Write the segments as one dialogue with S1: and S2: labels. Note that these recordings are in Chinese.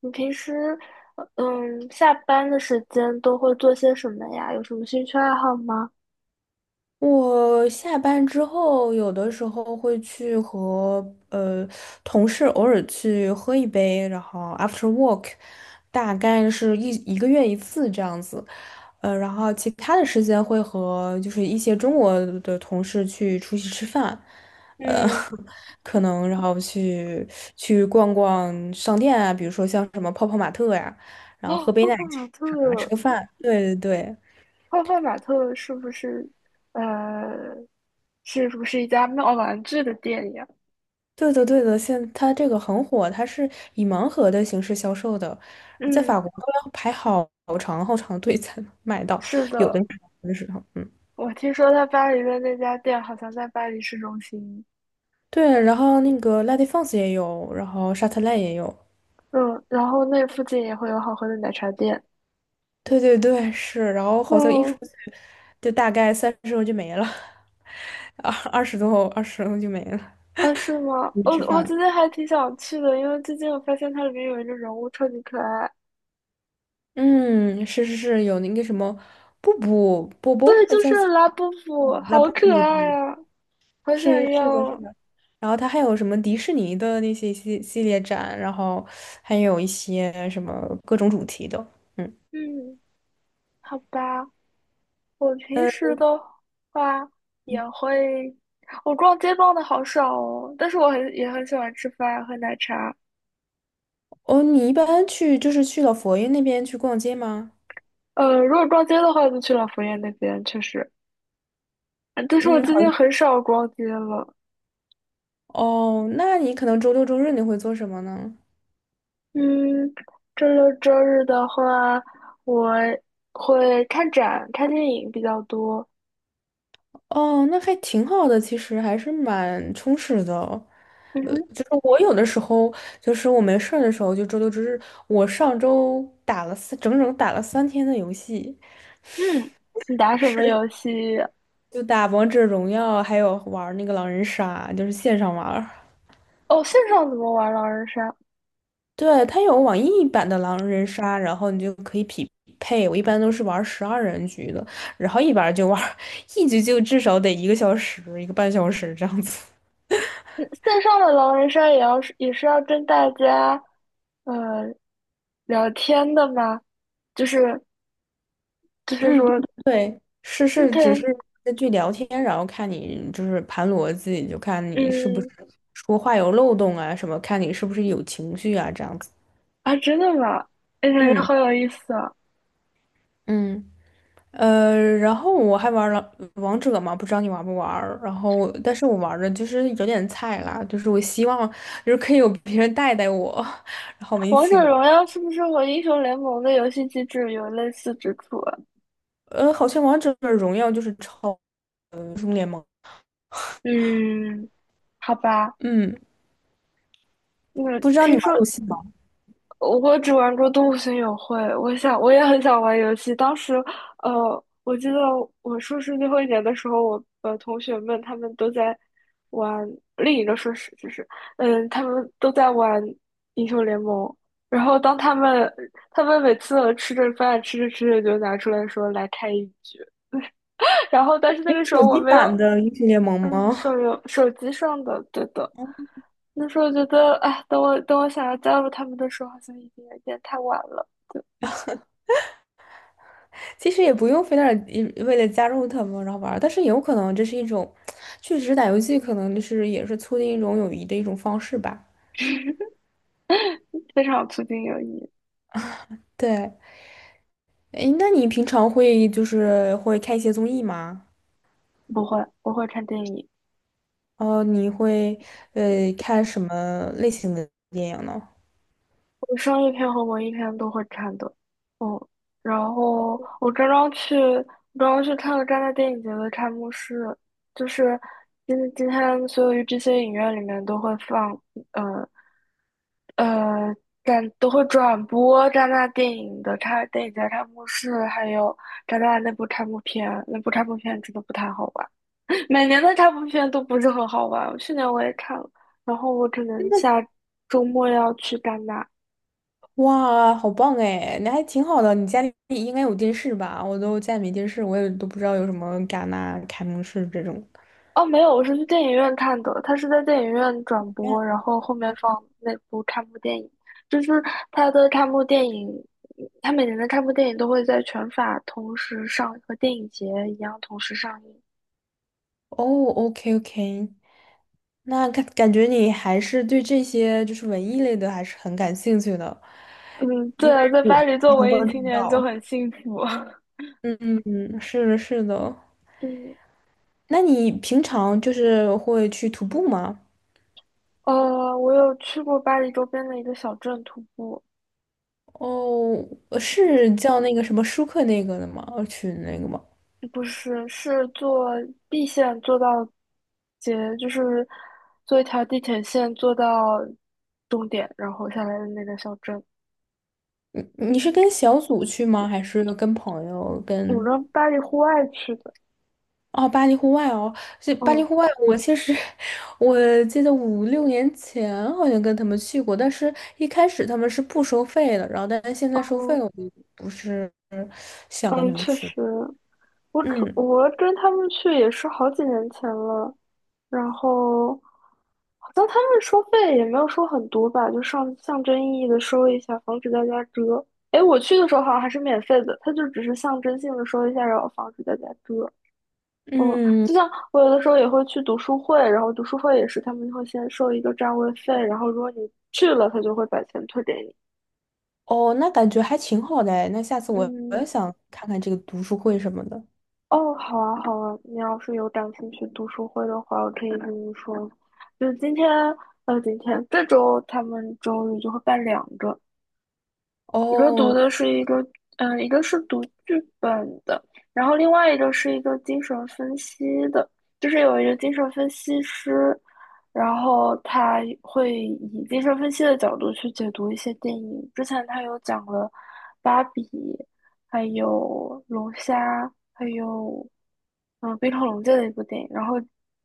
S1: 你平时，下班的时间都会做些什么呀？有什么兴趣爱好吗？
S2: 我下班之后，有的时候会去和呃同事偶尔去喝一杯，然后 after work，大概是一个月一次这样子。然后其他的时间会和就是一些中国的同事去出去吃饭，呃，
S1: 嗯。
S2: 可能然后去逛逛商店啊，比如说像什么泡泡玛特呀，然后
S1: 哦，
S2: 喝杯
S1: 泡
S2: 奶
S1: 泡玛
S2: 茶，吃
S1: 特，
S2: 个饭。对对对。
S1: 泡泡玛特是不是，呃，是不是一家卖玩具的店呀？
S2: 对的，对的，现它这个很火，它是以盲盒的形式销售的，在
S1: 嗯，
S2: 法国都要排好长好长的队才能买到，
S1: 是
S2: 有的
S1: 的，
S2: 的真是嗯，
S1: 我听说在巴黎的那家店好像在巴黎市中心。
S2: 对，然后那个 La d é f e n s 也有，然后沙特赖也有，
S1: 嗯，然后那附近也会有好喝的奶茶店。
S2: 对对对，是，然后好像一出
S1: 哦，
S2: 去就大概30欧就没了，二十多欧，20欧就没了，
S1: 啊，是吗？
S2: 出去
S1: 我
S2: 吃
S1: 我
S2: 饭了
S1: 今天还挺想去的，因为最近我发现它里面有一个人物超级可爱。
S2: 嗯，是是是，有那个什么布布波
S1: 对，
S2: 波，
S1: 就
S2: 叫
S1: 是拉布布，好可爱啊，好
S2: 是
S1: 想
S2: 是的，
S1: 要
S2: 是
S1: 啊。
S2: 的。然后它还有什么迪士尼的那些系列展，然后还有一些什么各种主题的。嗯，
S1: 嗯，好吧，我平
S2: 呃，
S1: 时的话也会，我逛街逛的好少哦，但是我很也很喜欢吃饭喝奶茶。
S2: 哦，你一般去就是去老佛爷那边去逛街吗？
S1: 如果逛街的话，就去老佛爷那边，确实。但是我
S2: 嗯，
S1: 最近
S2: 好。
S1: 很少逛街了。
S2: 哦，那你可能周六周日你会做什么呢？
S1: 嗯，周六周日的话，我会看展、看电影比较多。
S2: 哦，那还挺好的，其实还是蛮充实的。
S1: 嗯哼。
S2: 就是我有的时候，就是我没事儿的时候，就周六周日，我上周打了整整打了三天的游戏。
S1: 嗯，你打什么
S2: 是，
S1: 游戏？
S2: 就打王者荣耀，还有玩儿那个狼人杀，就是线上玩儿
S1: 哦，线上怎么玩狼人杀？
S2: 对，它有网易版的狼人杀，然后你就可以匹配。我一般都是玩12人局的，然后一玩儿就玩儿 一局就至少得一个小时、一个半小时这样子。
S1: 嗯，线上的狼人杀也要是也是要跟大家，呃，聊天的吗？就是就是
S2: 嗯，
S1: 说
S2: 对，是是，只
S1: ，OK。
S2: 是根据聊天，然后看你就是盘逻辑，就看你是不是
S1: 嗯。
S2: 说话有漏洞啊什么，看你是不是有情绪啊这样子。
S1: 啊，真的吗？哎，感觉
S2: 嗯
S1: 好有意思啊！
S2: 嗯。然后我还玩了王者嘛，不知道你玩不玩儿？然后，但是我玩的就是有点菜啦，就是我希望就是可以有别人带带我，然后我们一
S1: 王
S2: 起
S1: 者
S2: 玩
S1: 荣
S2: 儿。
S1: 耀是不是和英雄联盟的游戏机制有类似之处啊？
S2: 好像王者荣耀就是超英雄联盟，
S1: 嗯，好吧，
S2: 嗯，
S1: 那
S2: 不知道你
S1: 听
S2: 玩游
S1: 说。
S2: 戏吗？
S1: 我只玩过《动物森友会》，我想我也很想玩游戏。当时，我记得我硕士最后一年的时候，我同学们他们都在玩另一个硕士，就是嗯，他们都在玩英雄联盟。然后当他们每次吃着饭吃着吃着就拿出来说来开一局，然后但是那个
S2: 是
S1: 时
S2: 手
S1: 候我
S2: 机
S1: 没
S2: 版
S1: 有，
S2: 的英雄联盟
S1: 嗯，
S2: 吗？
S1: 手游手机上的，对的。那时候觉得，哎，等我想要加入他们的时候，好像已经有点太晚了。
S2: 其实也不用非得一为了加入他们然后玩儿，但是有可能这是一种，确实打游戏可能就是也是促进一种友谊的一种方式吧。
S1: 非常促进友谊。
S2: 对。诶，那你平常会就是会看一些综艺吗？
S1: 不会，我会看电影，
S2: 哦，你会看什么类型的电影呢？
S1: 我商业片和文艺片都会看的。嗯，然后我刚刚去，刚刚去看了戛纳电影节的开幕式，就是今天所有这些影院里面都会放，呃呃，但都会转播戛纳电影的开电影节开幕式，还有戛纳那部开幕片，那部开幕片真的不太好玩。每年的这部片都不是很好玩，去年我也看了，然后我可能下周末要去戛纳。
S2: 哇，好棒哎！那还挺好的。你家里应该有电视吧？我都家里没电视，我也都不知道有什么戛纳、开幕式这种。
S1: 哦，没有，我是去电影院看的，他是在电影院转播，然后后面放那部开幕电影，就是它的开幕电影，他每年的开幕电影都会在全法同时上，和电影节一样同时上映。
S2: 哦，OK OK，那感觉你还是对这些就是文艺类的还是很感兴趣的，
S1: 嗯，对啊，在巴黎做
S2: 非常
S1: 文艺
S2: 关注
S1: 青年就
S2: 到。
S1: 很幸福。
S2: 嗯嗯嗯，是的，是的。
S1: 嗯，
S2: 那你平常就是会去徒步吗？
S1: 我有去过巴黎周边的一个小镇徒步，
S2: 哦，是叫那个什么舒克那个的吗？群那个吗？
S1: 不是，是坐 B 线坐到节，就是坐一条地铁线坐到终点，然后下来的那个小镇。
S2: 你你是跟小组去吗？还是跟朋友
S1: 我
S2: 跟？
S1: 跟巴黎户外去的，
S2: 哦，巴黎户外哦，这巴黎户
S1: 嗯
S2: 外，我其实 我记得5、6年前好像跟他们去过，但是一开始他们是不收费的，然后但是现在收费
S1: 嗯
S2: 了，我就不是想跟
S1: 嗯，
S2: 他们
S1: 确
S2: 去。
S1: 实，我可
S2: 嗯
S1: 我跟他们去也是好几年前了，然后好像他们收费也没有收很多吧，就上象征意义的收一下，防止大家折。哎，我去的时候好像还是免费的，他就只是象征性的收一下，然后防止大家折。嗯，
S2: 嗯，
S1: 就像我有的时候也会去读书会，然后读书会也是他们会先收一个占位费，然后如果你去了，他就会把钱退给你。
S2: 哦，那感觉还挺好的哎那下次我也
S1: 嗯，
S2: 想看看这个读书会什么的。
S1: 哦，好啊，好啊，你要是有感兴趣读书会的话，我可以跟你说。就是今天，今天这周他们周日就会办两个，一个读
S2: 哦，
S1: 的是一个，嗯，一个是读剧本的，然后另外一个是一个精神分析的，就是有一个精神分析师，然后他会以精神分析的角度去解读一些电影。之前他有讲了《芭比》，还有《龙虾》，还有嗯《冰河龙界》的一部电影，然后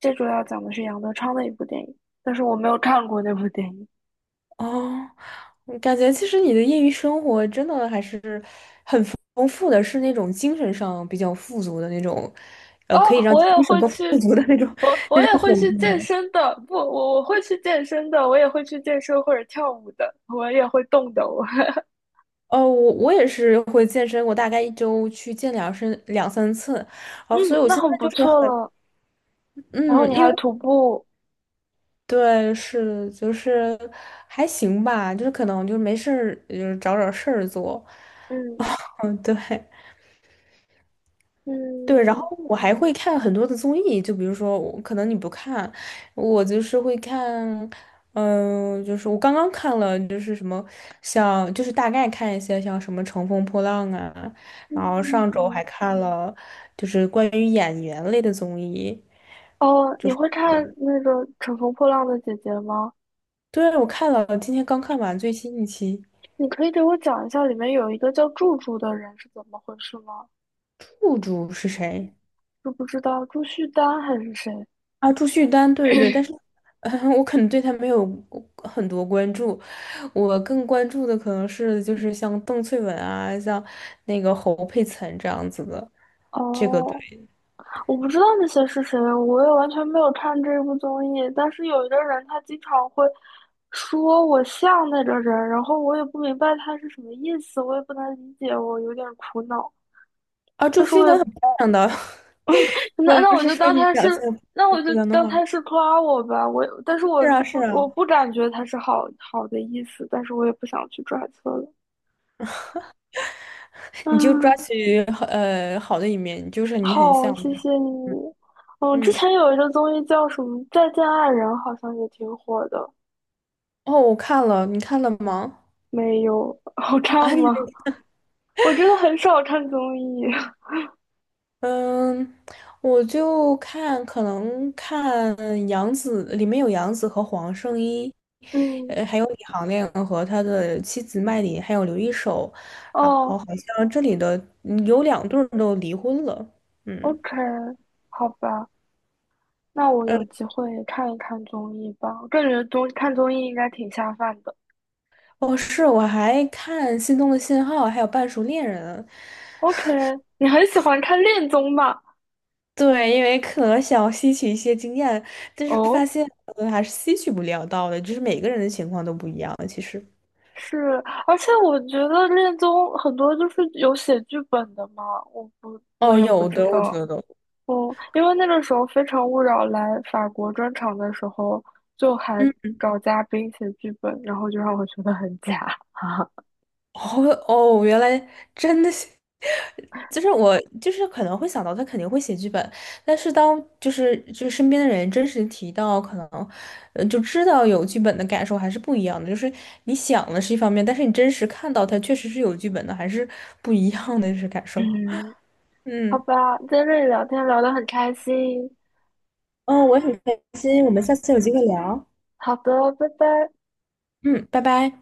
S1: 这周要讲的是杨德昌的一部电影，但是我没有看过那部电影。
S2: 哦，我感觉其实你的业余生活真的还是很丰富的，是那种精神上比较富足的那种，可以
S1: 哦，
S2: 让
S1: 我也
S2: 精神
S1: 会
S2: 更
S1: 去，
S2: 富足的那种
S1: 我 我
S2: 那
S1: 也
S2: 种
S1: 会
S2: 活动
S1: 去健
S2: 哎
S1: 身的，不，我会去健身的，我也会去健身或者跳舞的，我也会动的，我，
S2: 哦，我也是会健身，我大概一周去健身2、3次，哦，
S1: 嗯，
S2: 所以我
S1: 那
S2: 现在
S1: 很不
S2: 就是
S1: 错
S2: 很，
S1: 了。然后
S2: 嗯，
S1: 你
S2: 因
S1: 还
S2: 为
S1: 徒步，
S2: 对，是就是还行吧，就是可能就是没事儿，就是找找事儿做，
S1: 嗯
S2: 嗯，对。对，然后
S1: 嗯
S2: 我还会看很多的综艺，就比如说我，可能你不看，我就是会看，嗯、就是我刚刚看了，就是什么像，就是大概看一些像什么《乘风破浪》啊，然后上周
S1: 嗯，
S2: 还看了就是关于演员类的综艺，
S1: 哦，你会看那个《乘风破浪的姐姐》吗？
S2: 对，我看了，今天刚看完最新一期，
S1: 你可以给我讲一下里面有一个叫祝祝的人是怎么回事吗？
S2: 户主是谁？
S1: 知不知道朱旭丹还是谁？
S2: 啊，朱旭丹，对对对，但是，呃我可能对他没有很多关注，我更关注的可能是就是像邓萃雯啊，像那个侯佩岑这样子的，这个对。
S1: 哦，我不知道那些是谁，我也完全没有看这部综艺。但是有一个人，他经常会说我像那个人，然后我也不明白他是什么意思，我也不能理解，我有点苦恼。
S2: 啊，朱
S1: 但是
S2: 旭
S1: 我
S2: 丹很
S1: 也
S2: 漂亮的，我
S1: 那
S2: 不
S1: 我
S2: 是
S1: 就
S2: 说
S1: 当
S2: 你
S1: 他
S2: 长
S1: 是，
S2: 相，
S1: 那我
S2: 朱旭
S1: 就
S2: 丹的
S1: 当
S2: 话，
S1: 他是夸我吧。但是我
S2: 是啊是
S1: 不
S2: 啊，
S1: 感觉他是好好的意思，但是我也不想去揣测了。
S2: 你就抓
S1: 嗯，
S2: 取好好的一面，就是你很
S1: 好，
S2: 像，
S1: 谢谢你。嗯，之
S2: 嗯，
S1: 前有一个综艺叫什么《再见爱人》，好像也挺火的。
S2: 哦，我看了，你看了吗？
S1: 没有，好看
S2: 啊，你。
S1: 吗？我真的很少看综艺。
S2: 嗯，我就看可能看杨紫，里面有杨紫和黄圣依，
S1: 嗯，
S2: 还有李行亮和他的妻子麦琳，还有刘一手，然后
S1: 哦
S2: 好像这里的嗯有两对儿都离婚了，嗯，
S1: ，OK，好吧，那我有机会看一看综艺吧。我感觉看综艺应该挺下饭的。
S2: 哦，是，我还看《心动的信号》还有《半熟恋人》，
S1: OK，你很喜欢看恋综吧？
S2: 对，因为可能想要吸取一些经验，但是发
S1: 哦，
S2: 现还是吸取不了到的，就是每个人的情况都不一样，其实。
S1: 是，而且我觉得恋综很多就是有写剧本的嘛，我
S2: 哦，
S1: 也不
S2: 有
S1: 知
S2: 的，我觉
S1: 道。
S2: 得。
S1: 哦，因为那个时候《非诚勿扰》来法国专场的时候，就还
S2: 嗯。
S1: 找嘉宾写剧本，然后就让我觉得很假。
S2: 哦哦，原来真的是，就是我就是可能会想到他肯定会写剧本，但是当就是身边的人真实提到，可能就知道有剧本的感受还是不一样的。就是你想的是一方面，但是你真实看到他确实是有剧本的，还是不一样的就是感受。
S1: 嗯，好
S2: 嗯
S1: 吧，在这里聊天聊得很开心。
S2: 嗯，我也很开心，我们下次有机会聊。
S1: 好的，拜拜。
S2: 嗯，拜拜。